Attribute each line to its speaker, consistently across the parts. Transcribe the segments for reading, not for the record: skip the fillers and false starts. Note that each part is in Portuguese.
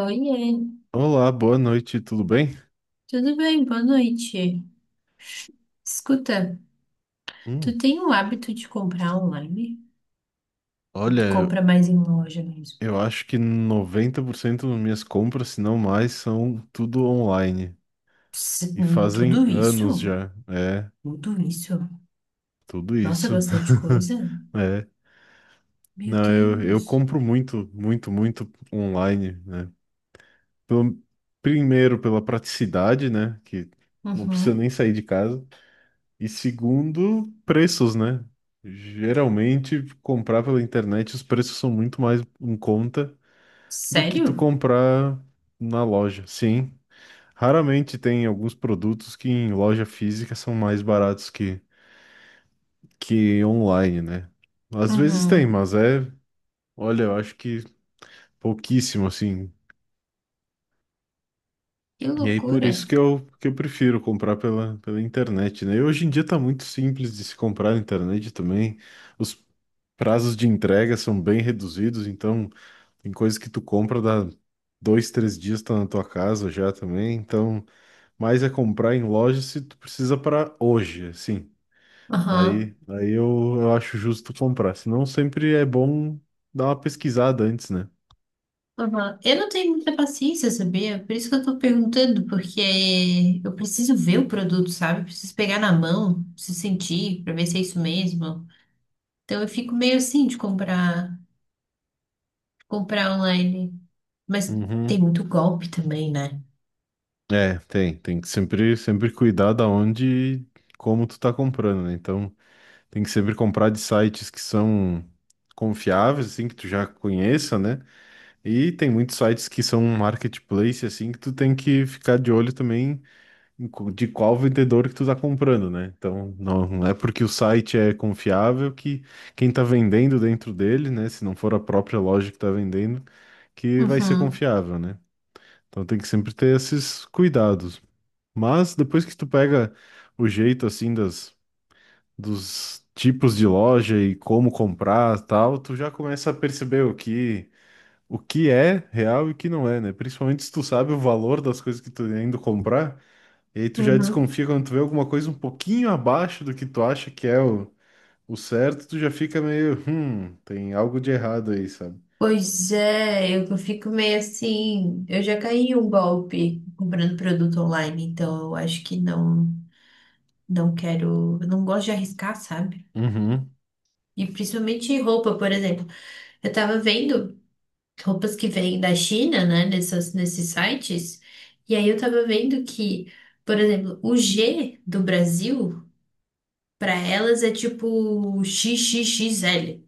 Speaker 1: Oiê,
Speaker 2: Olá, boa noite, tudo bem?
Speaker 1: tudo bem? Boa noite. Escuta,
Speaker 2: Hum,
Speaker 1: tu tem o hábito de comprar online? Ou tu
Speaker 2: olha,
Speaker 1: compra mais em loja mesmo?
Speaker 2: eu acho que 90% das minhas compras, se não mais, são tudo online. E fazem
Speaker 1: Tudo isso?
Speaker 2: anos já. É,
Speaker 1: Tudo isso?
Speaker 2: tudo
Speaker 1: Nossa, é
Speaker 2: isso.
Speaker 1: bastante coisa?
Speaker 2: É,
Speaker 1: Meu
Speaker 2: não, eu
Speaker 1: Deus.
Speaker 2: compro muito, muito, muito online, né? Pelo- primeiro, pela praticidade, né? Que não precisa nem
Speaker 1: Uhum.
Speaker 2: sair de casa. E segundo, preços, né? Geralmente, comprar pela internet, os preços são muito mais em conta do que tu
Speaker 1: Sério?
Speaker 2: comprar na loja. Sim, raramente tem alguns produtos que em loja física são mais baratos que online, né? Às vezes tem,
Speaker 1: Uhum.
Speaker 2: mas é, olha, eu acho que pouquíssimo, assim.
Speaker 1: Que
Speaker 2: E aí por
Speaker 1: loucura.
Speaker 2: isso que eu prefiro comprar pela, pela internet, né? E hoje em dia tá muito simples de se comprar na internet também. Os prazos de entrega são bem reduzidos, então tem coisas que tu compra da dois, três dias tá na tua casa já também, então mas é comprar em loja se tu precisa para hoje, assim.
Speaker 1: Aham.
Speaker 2: Aí, aí eu acho justo comprar. Senão sempre é bom dar uma pesquisada antes, né?
Speaker 1: Aham. Eu não tenho muita paciência, sabia? Por isso que eu tô perguntando, porque eu preciso ver o produto, sabe? Preciso pegar na mão, preciso sentir, pra ver se é isso mesmo. Então eu fico meio assim de comprar online. Mas tem
Speaker 2: Uhum.
Speaker 1: muito golpe também, né?
Speaker 2: É, tem, tem que sempre, sempre cuidar da onde e como tu tá comprando, né? Então, tem que sempre comprar de sites que são confiáveis, assim, que tu já conheça, né? E tem muitos sites que são um marketplace, assim, que tu tem que ficar de olho também de qual vendedor que tu tá comprando, né? Então, não, não é porque o site é confiável que quem tá vendendo dentro dele, né? Se não for a própria loja que tá vendendo, que vai ser
Speaker 1: Uhum,
Speaker 2: confiável, né? Então tem que sempre ter esses cuidados. Mas depois que tu pega o jeito, assim, das, dos tipos de loja e como comprar tal, tu já começa a perceber o que... O que é real e o que não é, né? Principalmente se tu sabe o valor das coisas que tu tá indo comprar, e aí tu já
Speaker 1: uhum.
Speaker 2: desconfia quando tu vê alguma coisa um pouquinho abaixo do que tu acha que é o certo, tu já fica meio, tem algo de errado aí, sabe?
Speaker 1: Pois é, eu fico meio assim. Eu já caí em um golpe comprando produto online, então eu acho que não, não quero, eu não gosto de arriscar, sabe?
Speaker 2: Uhum,
Speaker 1: E principalmente roupa, por exemplo. Eu tava vendo roupas que vêm da China, né, nesses sites, e aí eu tava vendo que, por exemplo, o G do Brasil. Pra elas é tipo XXXL.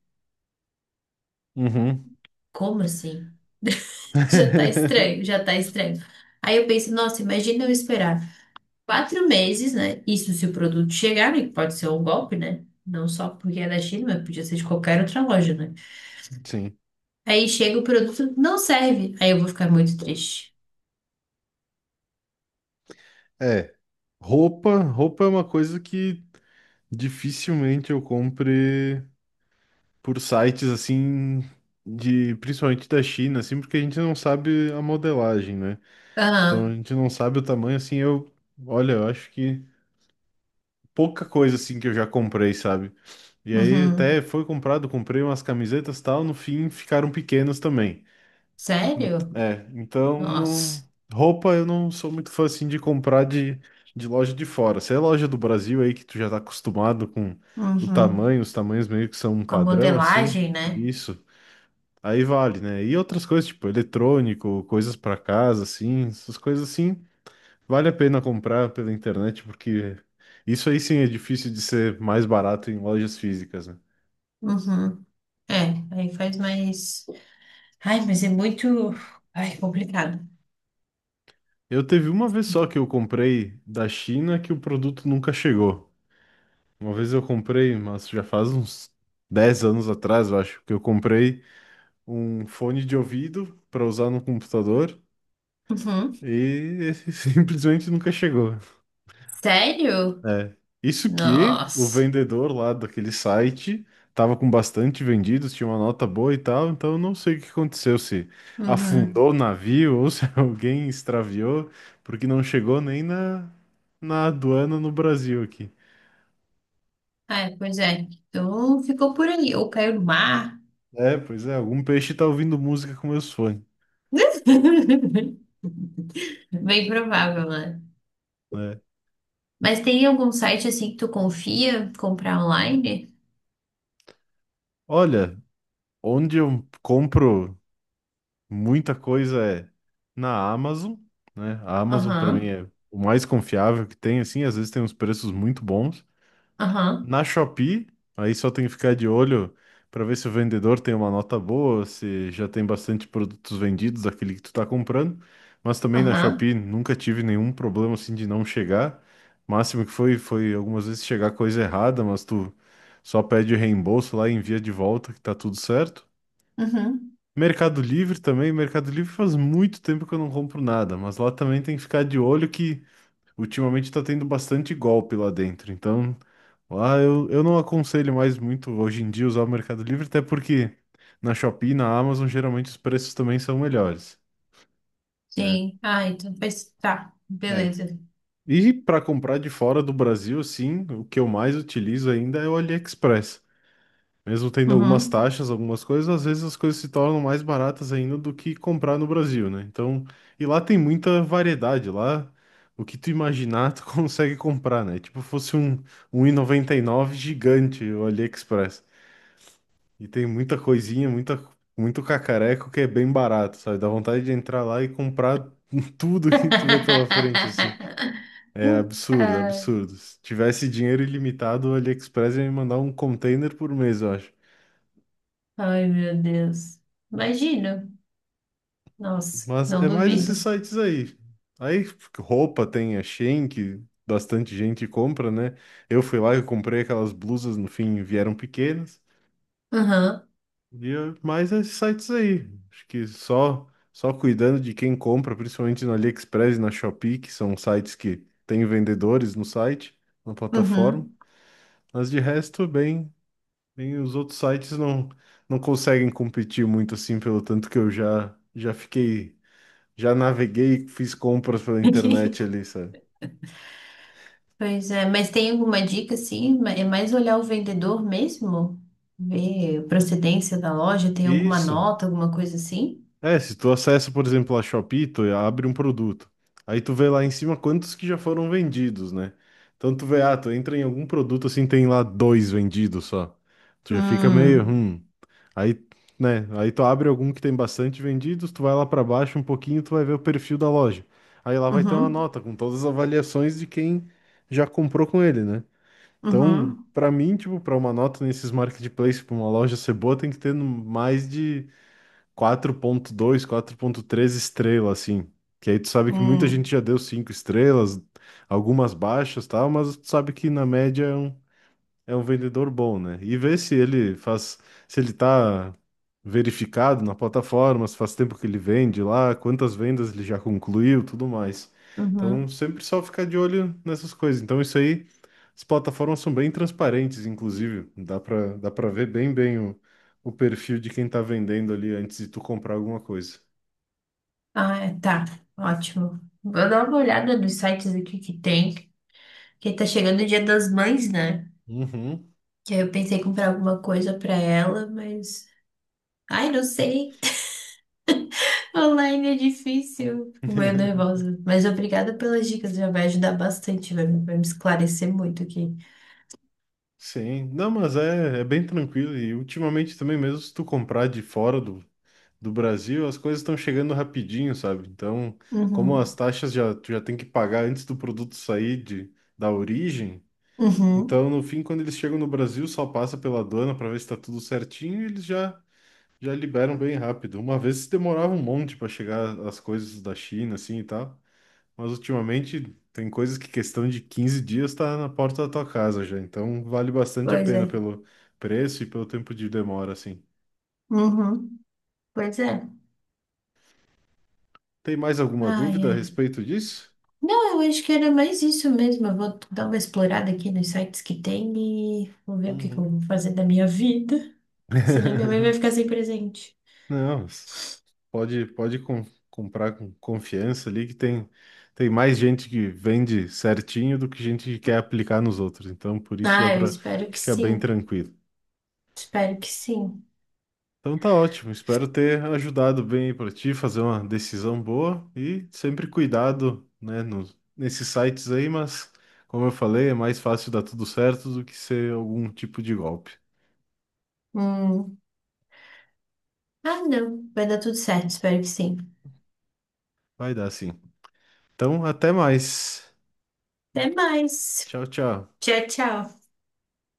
Speaker 2: uhum.
Speaker 1: Como assim? Já tá estranho, já tá estranho. Aí eu penso, nossa, imagina eu esperar 4 meses, né? Isso se o produto chegar, né? Que pode ser um golpe, né? Não só porque é da China, mas podia ser de qualquer outra loja, né?
Speaker 2: Sim.
Speaker 1: Aí chega o produto, não serve. Aí eu vou ficar muito triste.
Speaker 2: É. Roupa, roupa é uma coisa que dificilmente eu compre por sites assim de, principalmente da China, assim, porque a gente não sabe a modelagem, né? Então a
Speaker 1: Aham.
Speaker 2: gente não sabe o tamanho, assim, eu, olha, eu acho que pouca coisa assim que eu já comprei, sabe? E aí até
Speaker 1: Uhum.
Speaker 2: foi comprado, comprei umas camisetas e tal, no fim ficaram pequenos também.
Speaker 1: Sério?
Speaker 2: É, então não...
Speaker 1: Nossa.
Speaker 2: roupa eu não sou muito fã assim de comprar de loja de fora. Se é loja do Brasil aí que tu já tá acostumado com o
Speaker 1: Uhum.
Speaker 2: tamanho, os tamanhos meio que são um
Speaker 1: Com a
Speaker 2: padrão assim,
Speaker 1: modelagem, né?
Speaker 2: isso. Aí vale, né? E outras coisas tipo eletrônico, coisas pra casa assim, essas coisas assim, vale a pena comprar pela internet porque isso aí sim é difícil de ser mais barato em lojas físicas, né?
Speaker 1: Uhum. É, aí faz mais. Ai, mas é muito. Ai, complicado.
Speaker 2: Eu teve uma vez só que eu comprei da China que o produto nunca chegou. Uma vez eu comprei, mas já faz uns 10 anos atrás, eu acho, que eu comprei um fone de ouvido para usar no computador
Speaker 1: Uhum.
Speaker 2: e simplesmente nunca chegou.
Speaker 1: Sério?
Speaker 2: É. Isso que o
Speaker 1: Nossa.
Speaker 2: vendedor lá daquele site tava com bastante vendidos, tinha uma nota boa e tal, então eu não sei o que aconteceu, se
Speaker 1: Uhum.
Speaker 2: afundou o navio ou se alguém extraviou, porque não chegou nem na, na aduana no Brasil aqui.
Speaker 1: Ai, pois é. Então ficou por aí. Ou caiu no mar.
Speaker 2: É, pois é, algum peixe tá ouvindo música com meus fones,
Speaker 1: Bem provável, né?
Speaker 2: né?
Speaker 1: Mas tem algum site assim que tu confia comprar online?
Speaker 2: Olha, onde eu compro muita coisa é na Amazon, né? A Amazon para mim
Speaker 1: Aham.
Speaker 2: é o mais confiável que tem, assim, às vezes tem uns preços muito bons.
Speaker 1: Aham.
Speaker 2: Na Shopee, aí só tem que ficar de olho para ver se o vendedor tem uma nota boa, se já tem bastante produtos vendidos aquele que tu tá comprando. Mas também na
Speaker 1: Aham.
Speaker 2: Shopee nunca tive nenhum problema assim de não chegar. Máximo que foi, foi algumas vezes chegar coisa errada, mas tu só pede reembolso lá e envia de volta que tá tudo certo.
Speaker 1: Uhum.
Speaker 2: Mercado Livre também, Mercado Livre faz muito tempo que eu não compro nada, mas lá também tem que ficar de olho que ultimamente tá tendo bastante golpe lá dentro, então lá eu não aconselho mais muito hoje em dia usar o Mercado Livre, até porque na Shopee e na Amazon geralmente os preços também são melhores, né?
Speaker 1: Sim. Ah, então faz. Tá.
Speaker 2: É.
Speaker 1: Beleza.
Speaker 2: E para comprar de fora do Brasil, sim, o que eu mais utilizo ainda é o AliExpress. Mesmo tendo algumas
Speaker 1: Uhum.
Speaker 2: taxas, algumas coisas, às vezes as coisas se tornam mais baratas ainda do que comprar no Brasil, né? Então, e lá tem muita variedade, lá o que tu imaginar tu consegue comprar, né? Tipo, fosse um, 1,99 gigante o AliExpress. E tem muita coisinha, muita, muito cacareco que é bem barato, sabe? Dá vontade de entrar lá e comprar tudo que tu vê pela frente, assim. É absurdo,
Speaker 1: Ai,
Speaker 2: absurdo. Se tivesse dinheiro ilimitado, o AliExpress ia me mandar um container por mês, eu acho.
Speaker 1: ai, meu Deus. Imagino. Nossa,
Speaker 2: Mas
Speaker 1: não
Speaker 2: é mais esses
Speaker 1: duvido.
Speaker 2: sites aí. Aí roupa tem a Shein, que bastante gente compra, né? Eu fui lá e comprei aquelas blusas, no fim vieram pequenas.
Speaker 1: Aham,
Speaker 2: Mais esses sites aí. Acho que só cuidando de quem compra, principalmente no AliExpress e na Shopee, que são sites que têm vendedores no site, na plataforma.
Speaker 1: uhum.
Speaker 2: Mas de resto, bem, bem os outros sites não conseguem competir muito assim, pelo tanto que eu já fiquei já naveguei, fiz compras pela internet ali, sabe?
Speaker 1: Pois é, mas tem alguma dica assim? É mais olhar o vendedor mesmo? Ver a procedência da loja, tem alguma
Speaker 2: Isso.
Speaker 1: nota, alguma coisa assim?
Speaker 2: É, se tu acessa, por exemplo, a Shopee, tu abre um produto. Aí tu vê lá em cima quantos que já foram vendidos, né? Então tu vê, ah, tu entra em algum produto assim, tem lá dois vendidos só. Tu já fica meio,
Speaker 1: Hum,
Speaker 2: hum. Aí, né? Aí tu abre algum que tem bastante vendidos, tu vai lá pra baixo um pouquinho, tu vai ver o perfil da loja. Aí lá vai ter uma
Speaker 1: uhum,
Speaker 2: nota com todas as avaliações de quem já comprou com ele, né? Então,
Speaker 1: uhum,
Speaker 2: pra mim, tipo, pra uma nota nesses marketplaces, pra uma loja ser boa, tem que ter mais de 4.2, 4.3 estrelas, assim. Que aí tu sabe que muita gente
Speaker 1: hum,
Speaker 2: já deu 5 estrelas, algumas baixas, tal, mas tu sabe que na média é é um vendedor bom, né? E ver se ele faz, se ele tá verificado na plataforma, se faz tempo que ele vende lá, quantas vendas ele já concluiu, tudo mais. Então,
Speaker 1: uhum.
Speaker 2: sempre só ficar de olho nessas coisas. Então, isso aí, as plataformas são bem transparentes, inclusive, dá para ver bem bem o perfil de quem tá vendendo ali antes de tu comprar alguma coisa.
Speaker 1: Ah, é, tá, ótimo. Vou dar uma olhada nos sites aqui que tem, porque tá chegando o Dia das Mães, né?
Speaker 2: Uhum.
Speaker 1: Que aí eu pensei em comprar alguma coisa pra ela, mas. Ai, não sei. Online é difícil, fico meio nervosa. Mas obrigada pelas dicas, já vai ajudar bastante, vai me esclarecer muito aqui.
Speaker 2: Sim, não, mas é, é bem tranquilo e ultimamente também mesmo se tu comprar de fora do, do Brasil, as coisas estão chegando rapidinho, sabe? Então, como as
Speaker 1: Uhum,
Speaker 2: taxas já, tu já tem que pagar antes do produto sair de, da origem,
Speaker 1: uhum,
Speaker 2: então, no fim, quando eles chegam no Brasil, só passa pela aduana para ver se está tudo certinho e eles já, já liberam bem rápido. Uma vez demorava um monte para chegar as coisas da China, assim e tal, mas ultimamente tem coisas que questão de 15 dias está na porta da tua casa já, então vale bastante a
Speaker 1: pois
Speaker 2: pena
Speaker 1: é,
Speaker 2: pelo preço e pelo tempo de demora, assim.
Speaker 1: uhum, pois é.
Speaker 2: Tem mais alguma
Speaker 1: Ai,
Speaker 2: dúvida a
Speaker 1: ai.
Speaker 2: respeito disso?
Speaker 1: Não, eu acho que era mais isso mesmo. Eu vou dar uma explorada aqui nos sites que tem e vou ver o que que eu
Speaker 2: Uhum.
Speaker 1: vou fazer da minha vida. Senão minha mãe vai ficar sem presente.
Speaker 2: Não, s- pode, comprar com confiança ali que tem, tem mais gente que vende certinho do que gente que quer aplicar nos outros. Então, por isso dá
Speaker 1: Ah, eu
Speaker 2: para
Speaker 1: espero que
Speaker 2: ficar bem
Speaker 1: sim.
Speaker 2: tranquilo.
Speaker 1: Espero que sim.
Speaker 2: Então tá ótimo, espero ter ajudado bem para ti fazer uma decisão boa e sempre cuidado, né, nos, nesses sites aí, mas como eu falei, é mais fácil dar tudo certo do que ser algum tipo de golpe.
Speaker 1: Hum. Ah, não. Vai dar tudo certo, espero que sim.
Speaker 2: Vai dar sim. Então, até mais.
Speaker 1: Até mais.
Speaker 2: Tchau, tchau.
Speaker 1: Tchau, tchau.